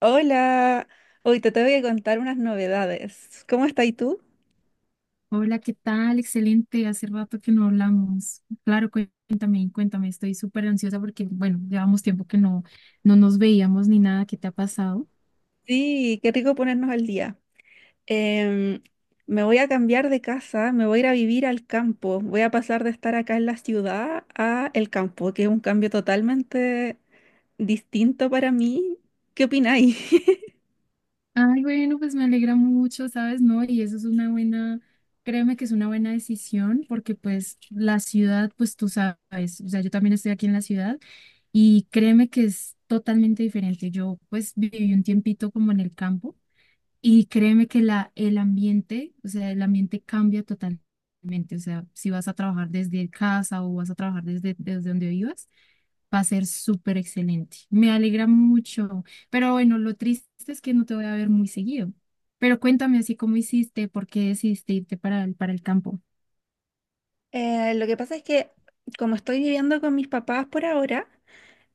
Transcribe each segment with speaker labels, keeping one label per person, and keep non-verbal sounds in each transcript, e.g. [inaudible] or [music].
Speaker 1: Hola, hoy te tengo que contar unas novedades. ¿Cómo estás tú?
Speaker 2: Hola, ¿qué tal? Excelente, hace rato que no hablamos. Claro, cuéntame, cuéntame, estoy súper ansiosa porque, bueno, llevamos tiempo que no nos veíamos ni nada, ¿qué te ha pasado?
Speaker 1: Sí, qué rico ponernos al día. Em, Me voy a cambiar de casa, me voy a ir a vivir al campo. Voy a pasar de estar acá en la ciudad a el campo, que es un cambio totalmente distinto para mí. ¿Qué opináis? [laughs]
Speaker 2: Ay, bueno, pues me alegra mucho, ¿sabes? No, y eso es una buena, créeme que es una buena decisión porque pues la ciudad, pues tú sabes, o sea, yo también estoy aquí en la ciudad y créeme que es totalmente diferente. Yo pues viví un tiempito como en el campo. Y créeme que el ambiente, o sea, el ambiente cambia totalmente. O sea, si vas a trabajar desde casa o vas a trabajar desde donde vivas, va a ser súper excelente. Me alegra mucho. Pero bueno, lo triste es que no te voy a ver muy seguido. Pero cuéntame así cómo hiciste, por qué decidiste irte para para el campo.
Speaker 1: Lo que pasa es que como estoy viviendo con mis papás por ahora,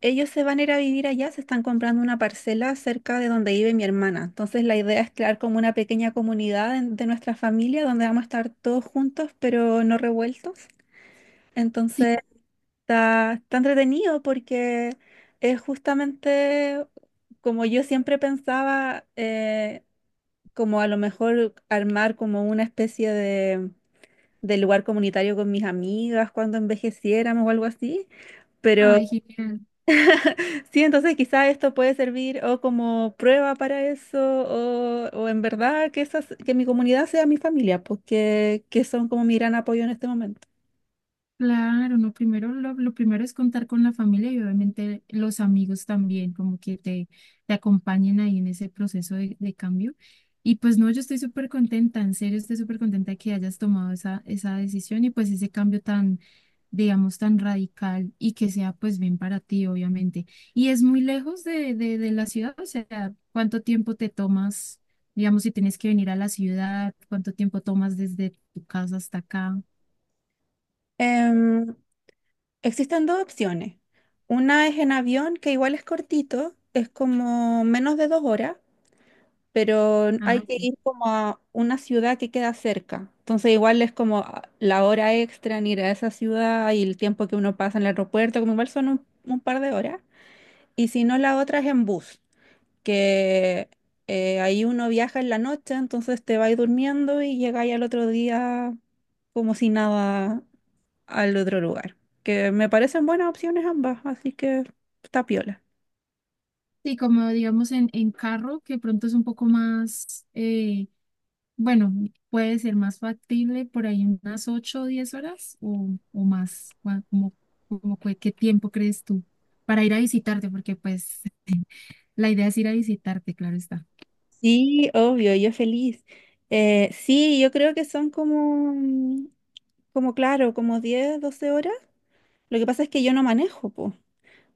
Speaker 1: ellos se van a ir a vivir allá, se están comprando una parcela cerca de donde vive mi hermana. Entonces la idea es crear como una pequeña comunidad de nuestra familia donde vamos a estar todos juntos, pero no revueltos.
Speaker 2: Sí.
Speaker 1: Entonces está entretenido porque es justamente como yo siempre pensaba, como a lo mejor armar como una especie de lugar comunitario con mis amigas cuando envejeciéramos o algo así. Pero
Speaker 2: Ay, genial.
Speaker 1: sí, entonces quizá esto puede servir o como prueba para eso, o en verdad que, que mi comunidad sea mi familia, porque que son como mi gran apoyo en este momento.
Speaker 2: Claro, no, primero lo primero es contar con la familia y obviamente los amigos también, como que te acompañen ahí en ese proceso de cambio. Y pues no, yo estoy súper contenta, en serio estoy súper contenta de que hayas tomado esa decisión y pues ese cambio tan, digamos, tan radical y que sea pues bien para ti, obviamente. Y es muy lejos de la ciudad, o sea, ¿cuánto tiempo te tomas, digamos, si tienes que venir a la ciudad? ¿Cuánto tiempo tomas desde tu casa hasta acá?
Speaker 1: Em, Existen dos opciones. Una es en avión, que igual es cortito, es como menos de 2 horas, pero
Speaker 2: Ah,
Speaker 1: hay que
Speaker 2: ok.
Speaker 1: ir como a una ciudad que queda cerca. Entonces igual es como ah, la hora extra en ir a esa ciudad y el tiempo que uno pasa en el aeropuerto, como igual son un par de horas. Y si no, la otra es en bus, que ahí uno viaja en la noche, entonces te vas durmiendo y llegáis al otro día como si nada al otro lugar. Que me parecen buenas opciones ambas, así que está piola.
Speaker 2: Sí, como digamos en carro, que pronto es un poco más, bueno, puede ser más factible por ahí unas 8 o 10 horas o más, como, qué tiempo crees tú para ir a visitarte, porque pues [laughs] la idea es ir a visitarte, claro está.
Speaker 1: Sí, obvio, yo feliz. Sí, yo creo que son como, mm, como claro, como 10, 12 horas. Lo que pasa es que yo no manejo, pues.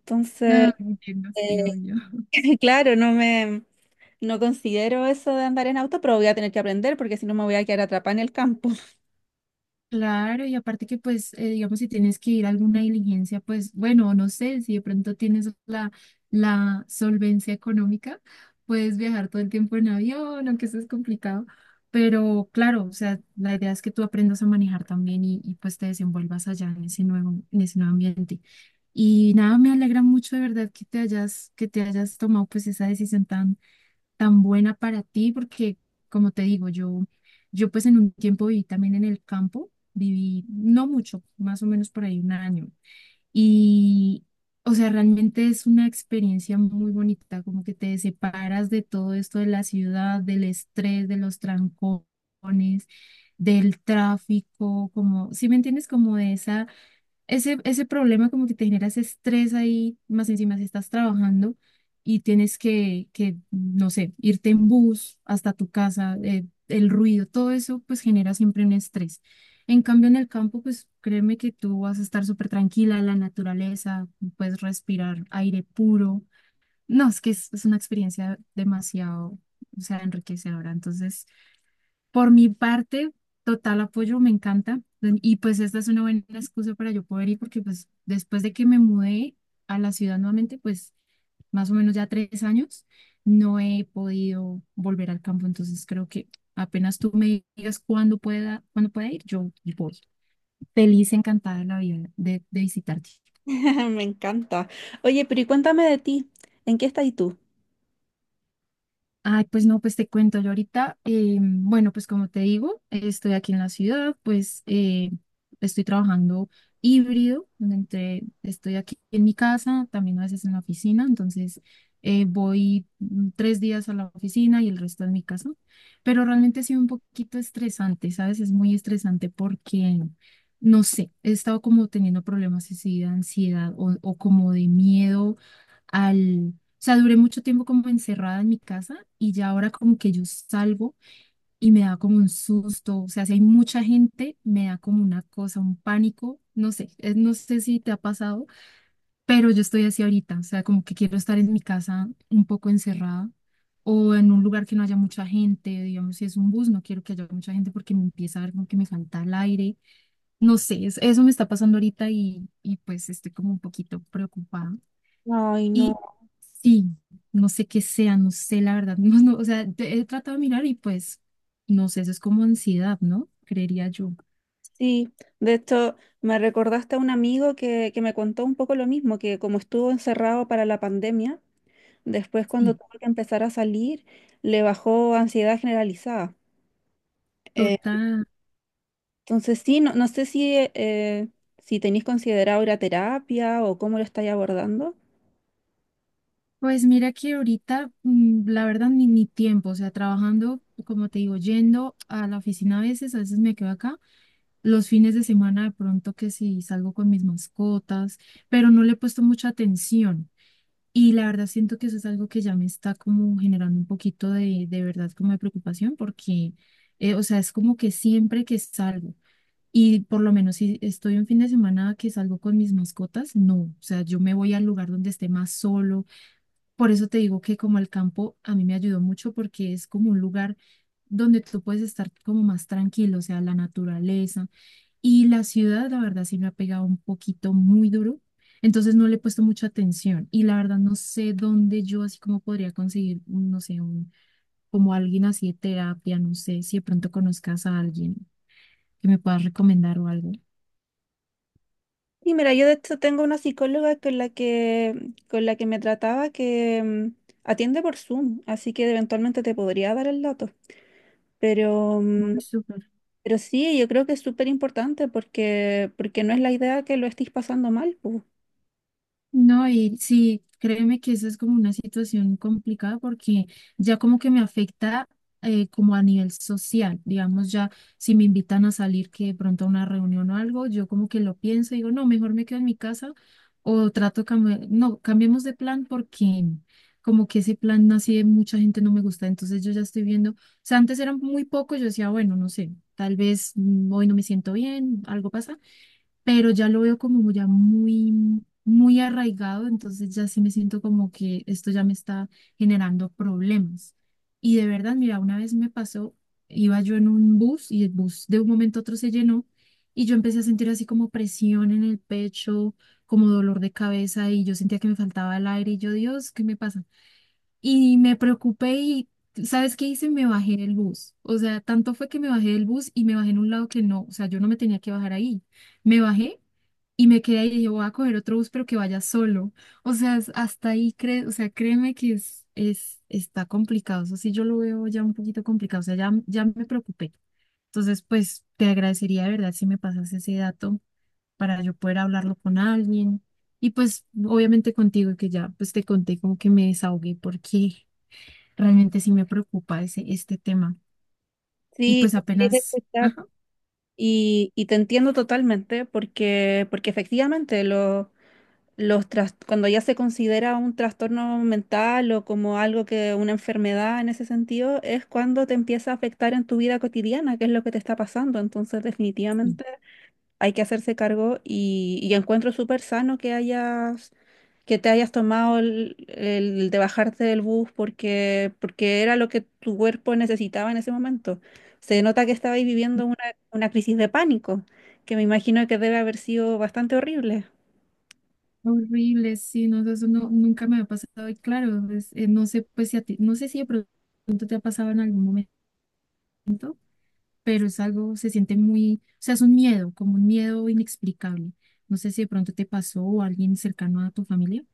Speaker 1: Entonces,
Speaker 2: Ah, entiendo, sí, obvio.
Speaker 1: [laughs] claro, no me, no considero eso de andar en auto, pero voy a tener que aprender porque si no me voy a quedar atrapada en el campo.
Speaker 2: Claro, y aparte que pues, digamos, si tienes que ir a alguna diligencia, pues bueno, no sé, si de pronto tienes la solvencia económica, puedes viajar todo el tiempo en avión, aunque eso es complicado, pero claro, o sea, la idea es que tú aprendas a manejar también pues te desenvuelvas allá en ese nuevo ambiente. Y nada, me alegra mucho de verdad que te hayas tomado pues esa decisión tan buena para ti, porque como te digo, yo pues en un tiempo viví también en el campo, viví no mucho, más o menos por ahí 1 año. Y, o sea, realmente es una experiencia muy bonita, como que te separas de todo esto de la ciudad, del estrés, de los trancones, del tráfico, como, ¿si me entiendes? Como de esa ese, ese problema como que te genera ese estrés ahí, más encima si estás trabajando y tienes no sé, irte en bus hasta tu casa, el ruido, todo eso pues genera siempre un estrés. En cambio, en el campo, pues créeme que tú vas a estar súper tranquila, la naturaleza, puedes respirar aire puro. No, es que es una experiencia demasiado, o sea, enriquecedora. Entonces, por mi parte, total apoyo, me encanta. Y pues esta es una buena excusa para yo poder ir, porque pues después de que me mudé a la ciudad nuevamente, pues más o menos ya 3 años, no he podido volver al campo. Entonces creo que apenas tú me digas cuándo pueda ir, yo voy. Feliz, encantada de la vida de visitarte.
Speaker 1: [laughs] Me encanta. Oye, pero y cuéntame de ti, ¿en qué estás tú?
Speaker 2: Ay, pues no, pues te cuento yo ahorita. Bueno, pues como te digo, estoy aquí en la ciudad, pues estoy trabajando híbrido, entre, estoy aquí en mi casa, también a veces en la oficina, entonces voy 3 días a la oficina y el resto en mi casa, pero realmente ha sido un poquito estresante, ¿sabes? Es muy estresante porque, no sé, he estado como teniendo problemas así de ansiedad o como de miedo. Al sea, duré mucho tiempo como encerrada en mi casa y ya ahora como que yo salgo y me da como un susto. O sea, si hay mucha gente, me da como una cosa, un pánico. No sé, no sé si te ha pasado, pero yo estoy así ahorita. O sea, como que quiero estar en mi casa un poco encerrada o en un lugar que no haya mucha gente. Digamos, si es un bus, no quiero que haya mucha gente porque me empieza a dar como que me falta el aire. No sé, eso me está pasando ahorita y pues estoy como un poquito preocupada.
Speaker 1: Ay,
Speaker 2: Y
Speaker 1: no.
Speaker 2: sí, no sé qué sea, no sé la verdad. [laughs] No, no, o sea, he tratado de mirar y pues, no sé, eso es como ansiedad, ¿no? Creería yo.
Speaker 1: Sí, de hecho, me recordaste a un amigo que me contó un poco lo mismo, que como estuvo encerrado para la pandemia, después cuando
Speaker 2: Sí,
Speaker 1: tuvo que empezar a salir, le bajó ansiedad generalizada. Eh,
Speaker 2: total.
Speaker 1: entonces, sí, no, no sé si, si tenéis considerado ir a terapia o cómo lo estáis abordando.
Speaker 2: Pues mira que ahorita, la verdad, ni tiempo, o sea, trabajando, como te digo, yendo a la oficina a veces me quedo acá, los fines de semana de pronto que sí salgo con mis mascotas, pero no le he puesto mucha atención. Y la verdad siento que eso es algo que ya me está como generando un poquito de verdad como de preocupación porque, o sea, es como que siempre que salgo y por lo menos si estoy un fin de semana que salgo con mis mascotas, no, o sea, yo me voy al lugar donde esté más solo. Por eso te digo que como el campo a mí me ayudó mucho porque es como un lugar donde tú puedes estar como más tranquilo, o sea, la naturaleza. Y la ciudad, la verdad, sí me ha pegado un poquito muy duro. Entonces no le he puesto mucha atención. Y la verdad no sé dónde yo así como podría conseguir, no sé, como alguien así de terapia, no sé, si de pronto conozcas a alguien que me puedas recomendar o algo.
Speaker 1: Y mira, yo de hecho tengo una psicóloga con la que me trataba que mm, atiende por Zoom, así que eventualmente te podría dar el dato. Pero, mm,
Speaker 2: Muy súper.
Speaker 1: pero sí, yo creo que es súper importante porque, porque no es la idea que lo estés pasando mal. Pu.
Speaker 2: No, y sí, créeme que esa es como una situación complicada porque ya como que me afecta como a nivel social, digamos ya si me invitan a salir que de pronto a una reunión o algo, yo como que lo pienso y digo, no, mejor me quedo en mi casa o trato, cambiar, no, cambiemos de plan porque como que ese plan así de mucha gente no me gusta, entonces yo ya estoy viendo, o sea, antes eran muy pocos, yo decía, bueno, no sé, tal vez hoy no me siento bien, algo pasa pero ya lo veo como ya muy arraigado, entonces ya sí me siento como que esto ya me está generando problemas. Y de verdad, mira, una vez me pasó, iba yo en un bus y el bus de un momento a otro se llenó y yo empecé a sentir así como presión en el pecho, como dolor de cabeza y yo sentía que me faltaba el aire y yo, Dios, ¿qué me pasa? Y me preocupé y... ¿Sabes qué hice? Me bajé del bus. O sea, tanto fue que me bajé del bus y me bajé en un lado que no, o sea, yo no me tenía que bajar ahí. Me bajé y me quedé y dije, voy a coger otro bus, pero que vaya solo. O sea, hasta ahí, o sea, créeme que es, está complicado. Eso sí, yo lo veo ya un poquito complicado. O sea, ya me preocupé. Entonces, pues te agradecería de verdad si me pasas ese dato para yo poder hablarlo con alguien. Y pues, obviamente contigo, y que ya pues te conté como que me desahogué porque realmente sí me preocupa este tema. Y
Speaker 1: Sí,
Speaker 2: pues
Speaker 1: tienes que
Speaker 2: apenas,
Speaker 1: escuchar.
Speaker 2: ajá.
Speaker 1: Y te entiendo totalmente porque, porque efectivamente lo... cuando ya se considera un trastorno mental o como algo que una enfermedad en ese sentido, es cuando te empieza a afectar en tu vida cotidiana, que es lo que te está pasando. Entonces,
Speaker 2: Sí.
Speaker 1: definitivamente hay que hacerse cargo y encuentro súper sano que hayas, que te hayas tomado el de bajarte del bus porque, porque era lo que tu cuerpo necesitaba en ese momento. Se nota que estabais viviendo una crisis de pánico, que me imagino que debe haber sido bastante horrible.
Speaker 2: Horrible, sí, no, eso no- nunca me ha pasado y claro, pues, no sé, pues si a ti, no sé si de pronto te ha pasado en algún momento, pero es algo, se siente muy, o sea, es un miedo, como un miedo inexplicable. No sé si de pronto te pasó o alguien cercano a tu familia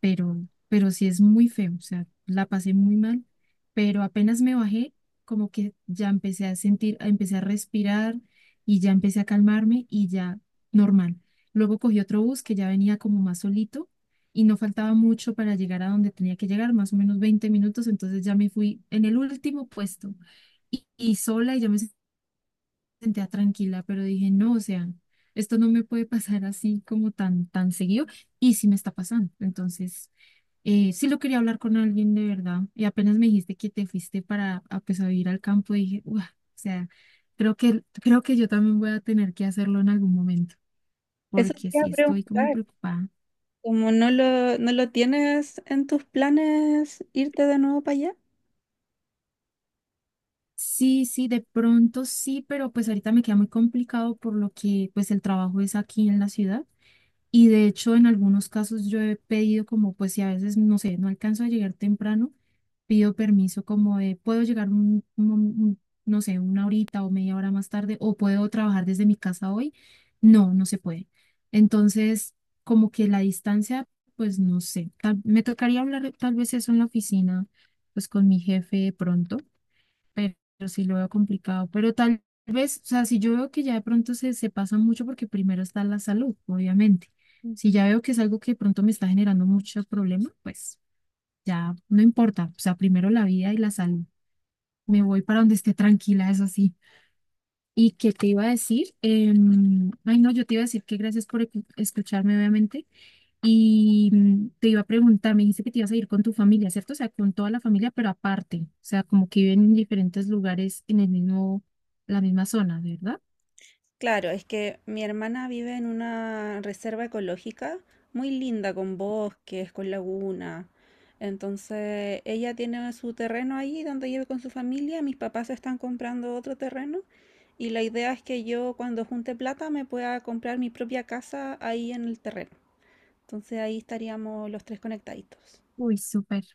Speaker 2: pero sí es muy feo, o sea, la pasé muy mal, pero apenas me bajé, como que ya empecé a sentir, empecé a respirar y ya empecé a calmarme y ya normal. Luego cogí otro bus que ya venía como más solito y no faltaba mucho para llegar a donde tenía que llegar, más o menos 20 minutos, entonces ya me fui en el último puesto y sola y ya me sentía tranquila, pero dije, no, o sea, esto no me puede pasar así como tan seguido, y sí me está pasando. Entonces, sí lo quería hablar con alguien de verdad, y apenas me dijiste que te fuiste para, a, pues, a vivir al campo, dije, "Uah", o sea, creo que yo también voy a tener que hacerlo en algún momento,
Speaker 1: Eso te
Speaker 2: porque
Speaker 1: iba
Speaker 2: sí
Speaker 1: a
Speaker 2: estoy como
Speaker 1: preguntar.
Speaker 2: preocupada.
Speaker 1: Como no lo, no lo tienes en tus planes irte de nuevo para allá.
Speaker 2: Sí, sí, de pronto sí, pero pues ahorita me queda muy complicado por lo que pues el trabajo es aquí en la ciudad. Y de hecho, en algunos casos yo he pedido como, pues si a veces, no sé, no alcanzo a llegar temprano, pido permiso como de, puedo llegar no sé, una horita o media hora más tarde, o puedo trabajar desde mi casa hoy. No, no se puede. Entonces, como que la distancia, pues no sé, me tocaría hablar tal vez eso en la oficina, pues con mi jefe pronto, pero sí lo veo complicado. Pero tal vez, o sea, si yo veo que ya de pronto se pasa mucho porque primero está la salud, obviamente. Si
Speaker 1: Ujú.
Speaker 2: ya veo que es algo que de pronto me está generando mucho problema, pues ya no importa. O sea, primero la vida y la salud. Me voy para donde esté tranquila, eso sí. ¿Y qué te iba a decir? Ay, no, yo te iba a decir que gracias por escucharme, obviamente. Y te iba a preguntar, me dijiste que te ibas a ir con tu familia, ¿cierto? O sea, con toda la familia, pero aparte. O sea, como que viven en diferentes lugares en el mismo, la misma zona, ¿verdad?
Speaker 1: Claro, es que mi hermana vive en una reserva ecológica muy linda, con bosques, con laguna. Entonces, ella tiene su terreno ahí donde vive con su familia. Mis papás están comprando otro terreno y la idea es que yo cuando junte plata me pueda comprar mi propia casa ahí en el terreno. Entonces, ahí estaríamos los tres conectaditos.
Speaker 2: Uy, súper.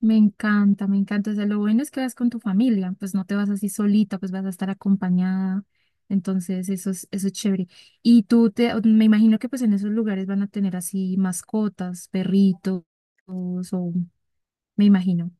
Speaker 2: Me encanta, me encanta. O sea, lo bueno es que vas con tu familia, pues no te vas así solita, pues vas a estar acompañada. Entonces, eso es chévere. Y tú te, me imagino que pues en esos lugares van a tener así mascotas, perritos, o me imagino.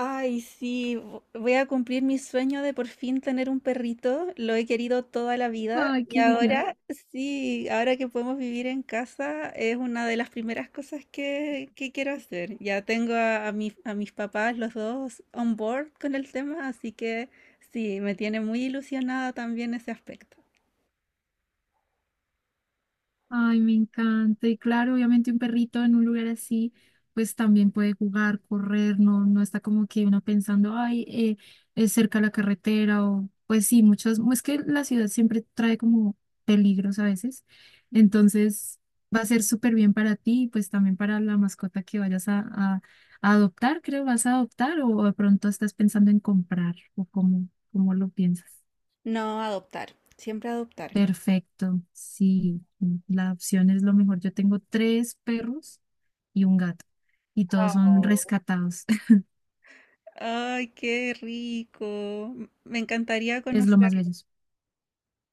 Speaker 1: Ay, sí, voy a cumplir mi sueño de por fin tener un perrito. Lo he querido toda la vida
Speaker 2: Ay,
Speaker 1: y
Speaker 2: qué genial.
Speaker 1: ahora, sí, ahora que podemos vivir en casa es una de las primeras cosas que quiero hacer. Ya tengo a a mis papás, los dos, on board con el tema, así que sí, me tiene muy ilusionada también ese aspecto.
Speaker 2: Ay, me encanta. Y claro, obviamente un perrito en un lugar así, pues también puede jugar, correr, no, no está como que uno pensando, ay, es cerca la carretera o pues sí, muchas, es que la ciudad siempre trae como peligros a veces.
Speaker 1: Mm.
Speaker 2: Entonces va a ser súper bien para ti y pues también para la mascota que vayas a adoptar, creo, vas a adoptar o de pronto estás pensando en comprar o cómo, cómo lo piensas.
Speaker 1: No, adoptar, siempre adoptar.
Speaker 2: Perfecto, sí, la opción es lo mejor. Yo tengo tres perros y un gato y todos son
Speaker 1: Oh.
Speaker 2: rescatados. [laughs]
Speaker 1: Ay, qué rico. Me encantaría
Speaker 2: Es lo
Speaker 1: conocer.
Speaker 2: más bello.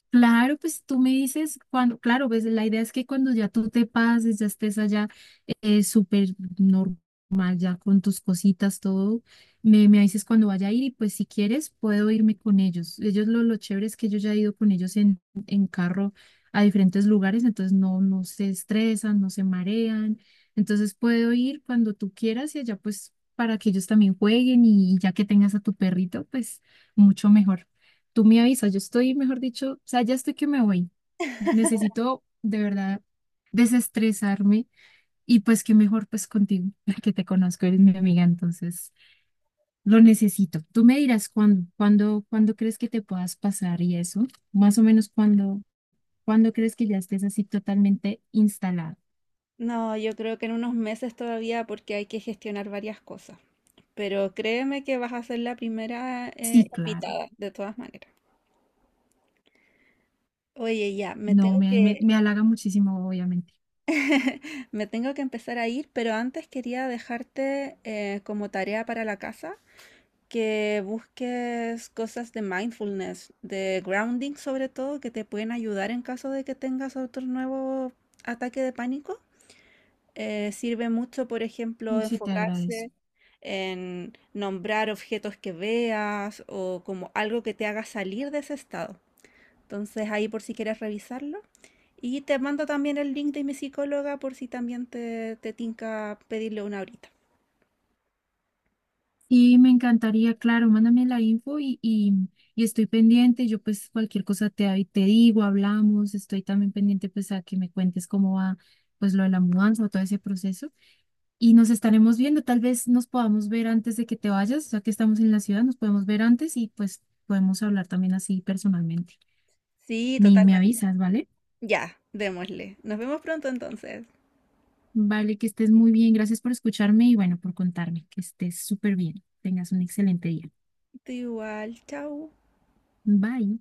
Speaker 2: Claro, pues tú me dices cuando, claro, pues la idea es que cuando ya tú te pases, ya estés allá súper normal, ya con tus cositas, todo, me dices cuando vaya a ir y pues si quieres puedo irme con ellos. Ellos lo chévere es que yo ya he ido con ellos en carro a diferentes lugares, entonces no, no se estresan, no se marean, entonces puedo ir cuando tú quieras y allá pues para que ellos también jueguen y ya que tengas a tu perrito, pues mucho mejor. Tú me avisas, yo estoy, mejor dicho, o sea, ya estoy que me voy. Necesito de verdad desestresarme y pues qué mejor pues contigo, [laughs] que te conozco, eres mi amiga, entonces lo necesito. Tú me dirás cuándo, cuándo, cuándo crees que te puedas pasar y eso, más o menos cuándo, cuándo crees que ya estés así totalmente instalado.
Speaker 1: No, yo creo que en unos meses todavía porque hay que gestionar varias cosas. Pero créeme que vas a ser la primera
Speaker 2: Sí, claro,
Speaker 1: invitada, de todas maneras. Oye, ya,
Speaker 2: no, me, me, me halaga muchísimo, obviamente.
Speaker 1: me tengo que empezar a ir, pero antes quería dejarte como tarea para la casa que busques cosas de mindfulness, de grounding sobre todo, que te pueden ayudar en caso de que tengas otro nuevo ataque de pánico. Sirve mucho, por ejemplo,
Speaker 2: Sí, te
Speaker 1: enfocarse
Speaker 2: agradezco.
Speaker 1: en nombrar objetos que veas o como algo que te haga salir de ese estado. Entonces ahí por si quieres revisarlo. Y te mando también el link de mi psicóloga por si también te tinca pedirle una horita.
Speaker 2: Sí, me encantaría, claro, mándame la info y estoy pendiente. Yo pues cualquier cosa te, ahí te digo, hablamos, estoy también pendiente pues a que me cuentes cómo va pues lo de la mudanza o todo ese proceso. Y nos estaremos viendo, tal vez nos podamos ver antes de que te vayas, ya que estamos en la ciudad, nos podemos ver antes y pues podemos hablar también así personalmente.
Speaker 1: Sí,
Speaker 2: Me
Speaker 1: totalmente.
Speaker 2: avisas, ¿vale?
Speaker 1: Ya, démosle. Nos vemos pronto entonces.
Speaker 2: Vale, que estés muy bien. Gracias por escucharme y bueno, por contarme, que estés súper bien. Tengas un excelente día.
Speaker 1: Tú igual, chao.
Speaker 2: Bye.